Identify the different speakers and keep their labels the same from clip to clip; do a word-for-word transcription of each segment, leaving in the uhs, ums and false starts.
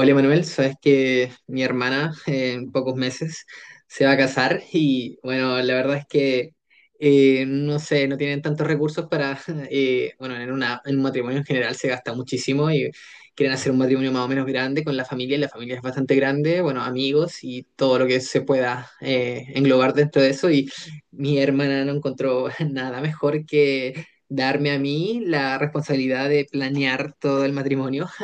Speaker 1: Hola Manuel, sabes que mi hermana eh, en pocos meses se va a casar. Y bueno, la verdad es que eh, no sé, no tienen tantos recursos para, eh, bueno, en una, en un matrimonio en general se gasta muchísimo. Y quieren hacer un matrimonio más o menos grande con la familia, y la familia es bastante grande, bueno, amigos y todo lo que se pueda eh, englobar dentro de eso. Y mi hermana no encontró nada mejor que darme a mí la responsabilidad de planear todo el matrimonio.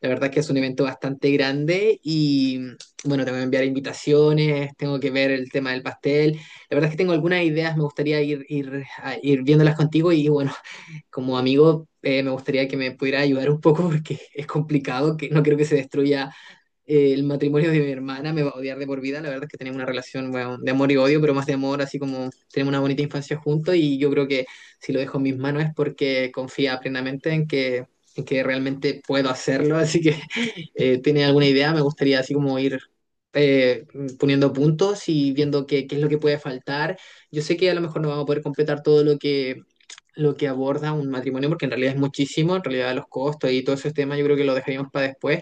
Speaker 1: La verdad es que es un evento bastante grande y bueno, te voy a enviar invitaciones, tengo que ver el tema del pastel. La verdad es que tengo algunas ideas, me gustaría ir, ir, a- ir viéndolas contigo. Y bueno, como amigo, eh, me gustaría que me pudiera ayudar un poco porque es complicado, que no quiero que se destruya eh, el matrimonio de mi hermana. Me va a odiar de por vida. La verdad es que tenemos una relación, bueno, de amor y odio, pero más de amor, así como tenemos una bonita infancia juntos. Y yo creo que si lo dejo en mis manos es porque confía plenamente en que, en que realmente puedo hacerlo. Así que, eh, ¿tiene alguna idea? Me gustaría así como ir eh, poniendo puntos y viendo qué, qué es lo que puede faltar. Yo sé que a lo mejor no vamos a poder completar todo lo que lo que aborda un matrimonio, porque en realidad es muchísimo, en realidad los costos y todo ese tema yo creo que lo dejaríamos para después.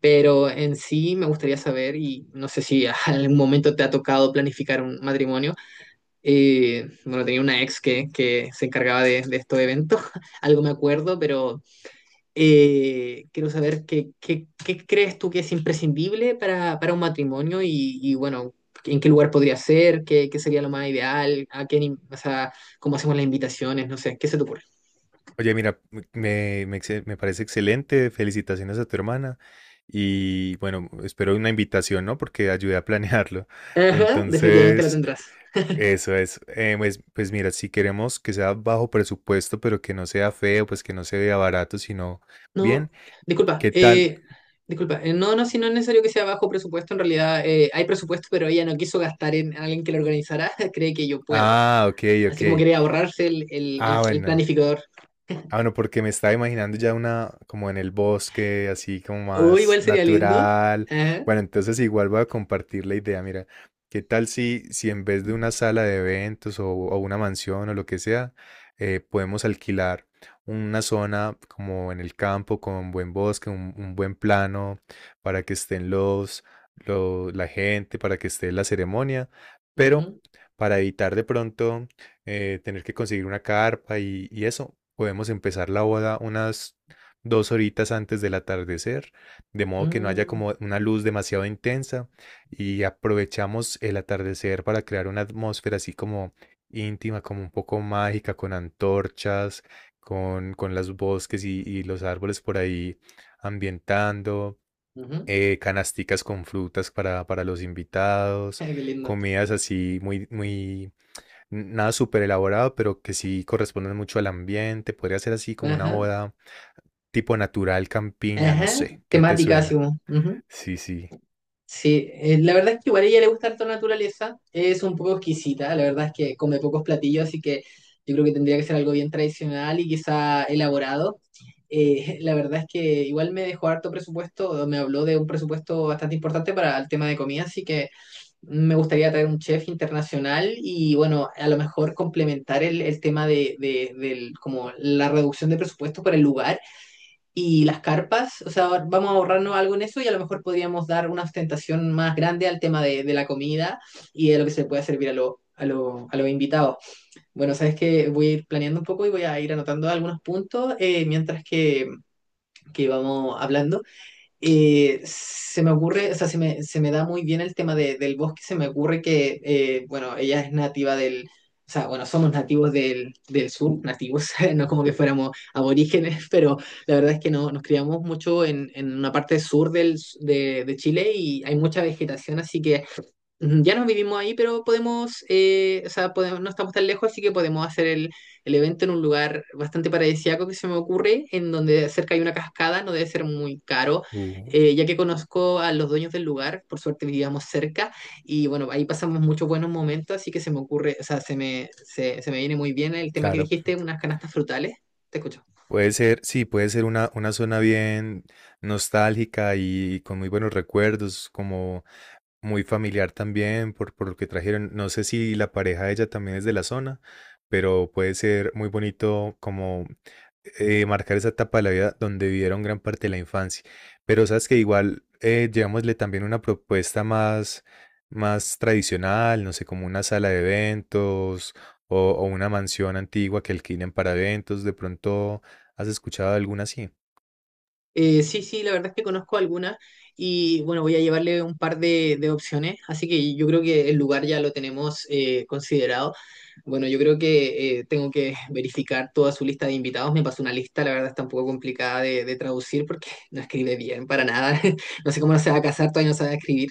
Speaker 1: Pero en sí me gustaría saber, y no sé si a algún momento te ha tocado planificar un matrimonio. Eh, bueno, tenía una ex que, que se encargaba de, de estos eventos, algo me acuerdo. Pero eh, quiero saber qué, qué, qué crees tú que es imprescindible para, para un matrimonio y, y, bueno, en qué lugar podría ser, qué, qué sería lo más ideal, a qué, ni- o sea, cómo hacemos las invitaciones, no sé, ¿qué se te ocurre?
Speaker 2: Oye, mira, me, me- me excel- me parece excelente. Felicitaciones a tu hermana. Y bueno, espero una invitación, ¿no? Porque ayudé a planearlo.
Speaker 1: Ajá, definitivamente la
Speaker 2: Entonces,
Speaker 1: tendrás.
Speaker 2: eso es. Eh, pues, pues mira, si queremos que sea bajo presupuesto, pero que no sea feo, pues que no se vea barato, sino
Speaker 1: No,
Speaker 2: bien,
Speaker 1: disculpa,
Speaker 2: ¿qué tal?
Speaker 1: eh, disculpa, eh, no, no, si no es necesario que sea bajo presupuesto. En realidad eh, hay presupuesto, pero ella no quiso gastar en alguien que lo organizara, cree que yo puedo,
Speaker 2: Ah, ok,
Speaker 1: así como
Speaker 2: ok.
Speaker 1: quería ahorrarse el, el, el-
Speaker 2: Ah,
Speaker 1: el
Speaker 2: bueno.
Speaker 1: planificador.
Speaker 2: Ah, bueno, porque me estaba imaginando ya una como en el bosque, así como
Speaker 1: Uy,
Speaker 2: más
Speaker 1: igual sería lindo.
Speaker 2: natural.
Speaker 1: Ajá.
Speaker 2: Bueno, entonces igual voy a compartir la idea. Mira, ¿qué tal si, si en vez de una sala de eventos o, o una mansión o lo que sea, eh, podemos alquilar una zona como en el campo con buen bosque, un, un buen plano, para que estén los, lo- la gente, para que esté la ceremonia, pero
Speaker 1: Ujú.
Speaker 2: para evitar de pronto eh, tener que conseguir una carpa y, y eso. Podemos empezar la boda unas dos horitas antes del atardecer, de modo que no haya
Speaker 1: Mm.
Speaker 2: como una luz demasiado intensa y aprovechamos el atardecer para crear una atmósfera así como íntima, como un poco mágica, con antorchas, con, con los bosques y, y los árboles por ahí ambientando,
Speaker 1: Ujú.
Speaker 2: eh, canasticas con frutas para, para los invitados,
Speaker 1: Ah, qué lindo.
Speaker 2: comidas así muy, muy Nada súper elaborado, pero que sí corresponden mucho al ambiente. Podría ser así como una
Speaker 1: Ajá,
Speaker 2: boda tipo natural, campiña, no
Speaker 1: ajá,
Speaker 2: sé. ¿Qué te
Speaker 1: temática así
Speaker 2: suena?
Speaker 1: como. Ujú.
Speaker 2: Sí, sí.
Speaker 1: Sí, eh, la verdad es que igual a ella le gusta harto la naturaleza, es un poco exquisita, la verdad es que come pocos platillos, así que yo creo que tendría que ser algo bien tradicional y quizá elaborado. Eh, la verdad es que igual me dejó harto presupuesto, me habló de un presupuesto bastante importante para el tema de comida, así que me gustaría traer un chef internacional. Y bueno, a lo mejor complementar el, el tema de, de- del, como la reducción de presupuesto para el lugar y las carpas, o sea, vamos a ahorrarnos algo en eso. Y a lo mejor podríamos dar una ostentación más grande al tema de, de la comida y de lo que se puede servir a, lo, a, lo, a los invitados. Bueno, sabes que voy a ir planeando un poco y voy a ir anotando algunos puntos eh, mientras que, que vamos hablando. Eh, se me ocurre, o sea, se me, se me da muy bien el tema de- del bosque. Se me ocurre que, eh, bueno, ella es nativa del, o sea, bueno, somos nativos del, del sur, nativos, no como que fuéramos aborígenes, pero la verdad es que no, nos criamos mucho en, en una parte sur del, s- de, de Chile, y hay mucha vegetación, así que... Ujú. Ya no vivimos ahí, pero podemos, eh, o sea, podemos, no estamos tan lejos, así que podemos hacer el, el evento en un lugar bastante paradisíaco que se me ocurre, en donde cerca hay una cascada, no debe ser muy caro,
Speaker 2: Uh,
Speaker 1: eh, ya que conozco a los dueños del lugar, por suerte vivíamos cerca. Y bueno, ahí pasamos muchos buenos momentos, así que se me ocurre, o sea, se me, se, se me viene muy bien el tema que
Speaker 2: claro.
Speaker 1: dijiste, unas canastas frutales. Te escucho.
Speaker 2: Puede ser, sí, puede ser una, una zona bien nostálgica y con muy buenos recuerdos, como muy familiar también por, por lo que trajeron. No sé si la pareja de ella también es de la zona, pero puede ser muy bonito como eh, marcar esa etapa de la vida donde vivieron gran parte de la infancia. Pero sabes que igual eh, llevámosle también una propuesta más, más tradicional, no sé, como una sala de eventos o, o una mansión antigua que alquilen para eventos. De pronto, ¿has escuchado alguna así?
Speaker 1: Eh, sí, sí, la verdad es que conozco algunas. Y bueno, voy a llevarle un par de, de opciones, así que yo creo que el lugar ya lo tenemos eh, considerado. Bueno, yo creo que eh, tengo que verificar toda su lista de invitados. Me pasó una lista, la verdad está un poco complicada de, de traducir porque no escribe bien para nada, no sé cómo no se va a casar, todavía no sabe escribir.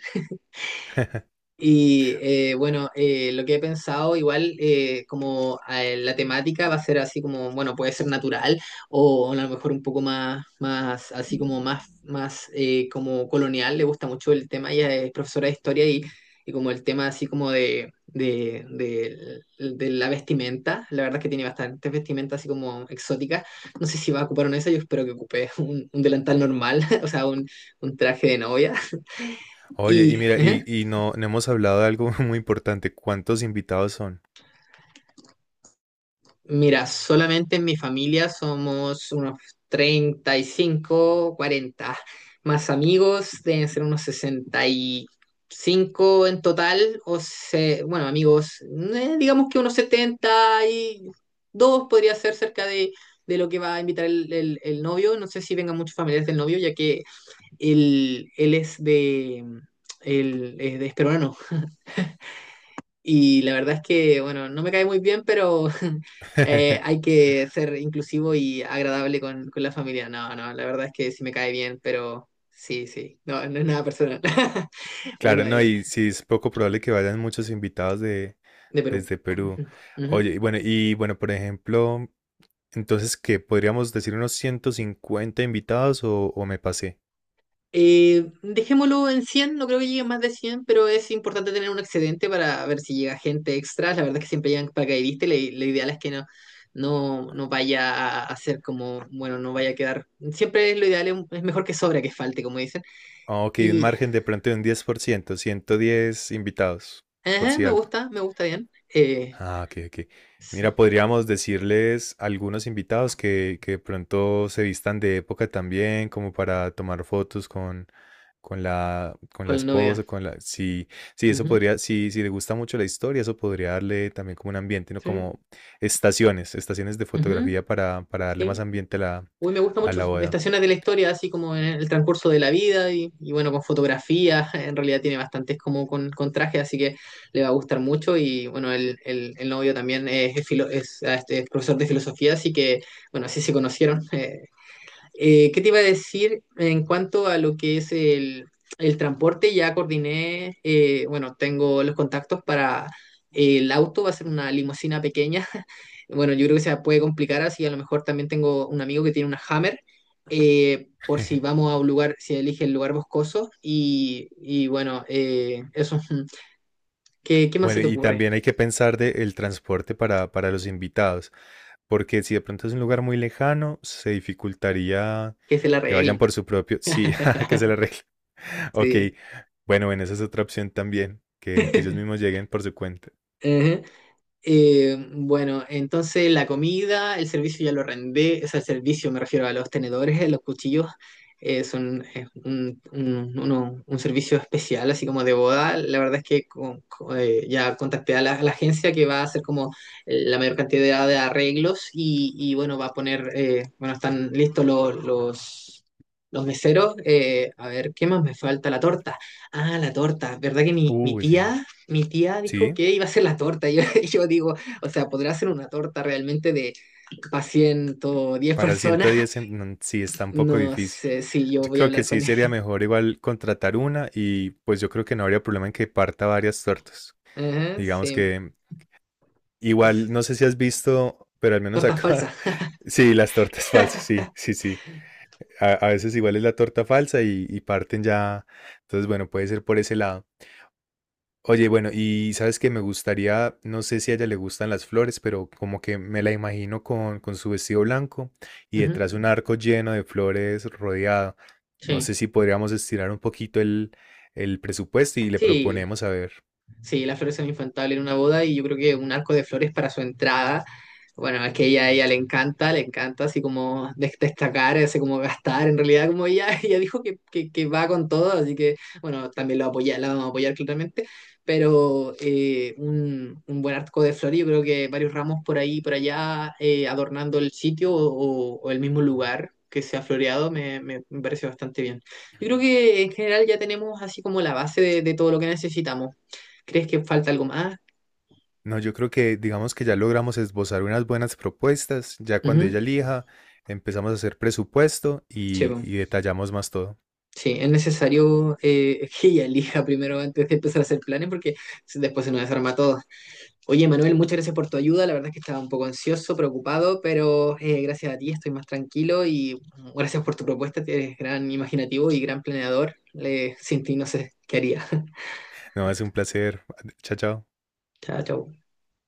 Speaker 1: Y eh, bueno, eh, lo que he pensado, igual eh, como eh, la temática va a ser así como, bueno, puede ser natural o a lo mejor un poco más, más así como más, más eh, como colonial. Le gusta mucho el tema, ella es profesora de historia, y, y como el tema así como de, de, de, de la vestimenta, la verdad es que tiene bastantes vestimentas así como exóticas, no sé si va a ocupar una de esas, yo espero que ocupe un, un delantal normal, o sea, un, un traje de novia
Speaker 2: Oye, y
Speaker 1: y...
Speaker 2: mira,
Speaker 1: ¿eh?
Speaker 2: y, y no, no hemos hablado de algo muy importante. ¿Cuántos invitados son?
Speaker 1: Mira, solamente en mi familia somos unos treinta y cinco, cuarenta. Más amigos deben ser unos sesenta y cinco en total, o se, bueno, amigos. Eh, digamos que unos setenta y dos podría ser cerca de, de lo que va a invitar el, el- el novio. No sé si vengan muchos familiares del novio, ya que él, él es de, él es de Esperona, y la verdad es que, bueno, no me cae muy bien, pero eh, hay que ser inclusivo y agradable con, con la familia. No, no, la verdad es que sí me cae bien, pero sí, sí, no, no es nada personal. Bueno,
Speaker 2: Claro, no,
Speaker 1: eh,
Speaker 2: y sí es poco probable que vayan muchos invitados de,
Speaker 1: de Perú.
Speaker 2: desde Perú.
Speaker 1: Ujú,
Speaker 2: Oye,
Speaker 1: ujú.
Speaker 2: y bueno, y bueno, por ejemplo, entonces, ¿qué? ¿Podríamos decir unos ciento cincuenta invitados o, o me pasé?
Speaker 1: Eh, dejémoslo en cien. No creo que lleguen más de cien, pero es importante tener un excedente para ver si llega gente extra. La verdad es que siempre llegan paracaidistas, y lo lo ideal es que no, no, no vaya a, a ser como, bueno, no vaya a quedar. Siempre lo ideal es, es mejor que sobra que falte, como dicen.
Speaker 2: Ah, ok, un
Speaker 1: Y
Speaker 2: margen de pronto de un diez por ciento, ciento diez invitados, por
Speaker 1: ajá,
Speaker 2: si
Speaker 1: me
Speaker 2: algo.
Speaker 1: gusta, me gusta bien. Eh,
Speaker 2: Ah, ok, ok.
Speaker 1: s-
Speaker 2: Mira, podríamos decirles a algunos invitados que, que de pronto se vistan de época también, como para tomar fotos con, con la, con la
Speaker 1: con la novia.
Speaker 2: esposa, con la... Sí, sí, eso
Speaker 1: Ujú,
Speaker 2: podría, sí, si le gusta mucho la historia, eso podría darle también como un ambiente, ¿no?
Speaker 1: sí,
Speaker 2: Como estaciones, estaciones de
Speaker 1: ujú,
Speaker 2: fotografía para, para darle más
Speaker 1: sí.
Speaker 2: ambiente a la,
Speaker 1: Uy, me gusta
Speaker 2: a
Speaker 1: mucho.
Speaker 2: la boda.
Speaker 1: Estaciones de la historia, así como en el transcurso de la vida, y, y bueno, con fotografía. En realidad tiene bastantes como con, con traje, así que le va a gustar mucho. Y bueno, el, el, el novio también es, es filo- es, ah, este, es profesor de filosofía, así que bueno, así se conocieron. Eh, Eh, ¿qué te iba a decir en cuanto a lo que es el, el transporte? Ya coordiné, eh, bueno, tengo los contactos para eh, el auto, va a ser una limusina pequeña. Bueno, yo creo que se puede complicar así, a lo mejor también tengo un amigo que tiene una Hammer, eh, por si vamos a un lugar, si elige el lugar boscoso. Y, y bueno, eh, eso, ¿qué, qué más se
Speaker 2: Bueno,
Speaker 1: te
Speaker 2: y
Speaker 1: ocurre?
Speaker 2: también hay que pensar de el transporte para, para los invitados, porque si de pronto es un lugar muy lejano, se dificultaría
Speaker 1: Que se la
Speaker 2: que vayan
Speaker 1: arreglen.
Speaker 2: por su propio... Sí, que se le arregle. Ok,
Speaker 1: Sí.
Speaker 2: bueno, bueno, esa es otra opción también, que, que ellos mismos lleguen por su cuenta.
Speaker 1: Eh, bueno, entonces la comida, el servicio ya lo rendé, o sea, el servicio me refiero a los tenedores, eh, los cuchillos, eh, son eh, un, un- uno- un servicio especial, así como de boda. La verdad es que con- con- eh, ya contacté a la, a la agencia que va a hacer como eh, la mayor cantidad de arreglos y, y, bueno, va a poner, eh, bueno, están listos lo- los, los meseros. Eh, a ver, ¿qué más me falta? La torta. Ah, la torta. ¿Verdad que mi, mi
Speaker 2: Uy, sí.
Speaker 1: tía mi tía dijo
Speaker 2: Sí,
Speaker 1: que iba a hacer la torta? Y yo, y yo digo, o sea, ¿podrá hacer una torta realmente de para ciento diez
Speaker 2: para el ciento
Speaker 1: personas?
Speaker 2: diez en- no, sí está un poco
Speaker 1: No
Speaker 2: difícil.
Speaker 1: sé, sí, yo
Speaker 2: Yo
Speaker 1: voy a
Speaker 2: creo que
Speaker 1: hablar
Speaker 2: sí
Speaker 1: con
Speaker 2: sería
Speaker 1: ella.
Speaker 2: mejor igual contratar una y pues yo creo que no habría problema en que parta varias tortas.
Speaker 1: Ajá,
Speaker 2: Digamos
Speaker 1: sí.
Speaker 2: que
Speaker 1: Es
Speaker 2: igual, no sé si has visto, pero al menos
Speaker 1: torta falsa.
Speaker 2: acá, sí, las tortas falsas, sí, sí, sí. A, a veces igual es la torta falsa y, y parten ya. Entonces, bueno, puede ser por ese lado. Oye, bueno, y sabes que me gustaría, no sé si a ella le gustan las flores, pero como que me la imagino con, con su vestido blanco y
Speaker 1: Ujú.
Speaker 2: detrás un arco lleno de flores rodeado. No
Speaker 1: Sí.
Speaker 2: sé si podríamos estirar un poquito el, el presupuesto y le
Speaker 1: Sí.
Speaker 2: proponemos a ver.
Speaker 1: Sí, la flores son infantil en una boda y yo creo que un arco de flores para su entrada. Bueno, es que ella, a ella le encanta, le encanta así como des- destacar, así como gastar. En realidad, como ella, ella dijo que, que, que va con todo, así que bueno, también lo apoya, la vamos a apoyar claramente. Pero eh, un, un buen arco de flores, yo creo que varios ramos por ahí por allá eh, adornando el sitio o, o el mismo lugar que se ha floreado me, me me parece bastante bien. Yo creo que en general ya tenemos así como la base de de todo lo que necesitamos. ¿Crees que falta algo más?
Speaker 2: No, yo creo que digamos que ya logramos esbozar unas buenas propuestas. Ya cuando
Speaker 1: Ujú.
Speaker 2: ella elija, empezamos a hacer presupuesto
Speaker 1: Sí,
Speaker 2: y,
Speaker 1: po.
Speaker 2: y detallamos más todo.
Speaker 1: Sí, es necesario eh, que ella elija primero antes de empezar a hacer planes porque si- después se nos desarma todo. Oye, Manuel, muchas gracias por tu ayuda. La verdad es que estaba un poco ansioso, preocupado, pero eh, gracias a ti estoy más tranquilo y mm, gracias por tu propuesta. Que eres gran imaginativo y gran planeador. Le- sin ti no sé qué haría.
Speaker 2: No, es un placer. Chao, chao.
Speaker 1: Chao, chao.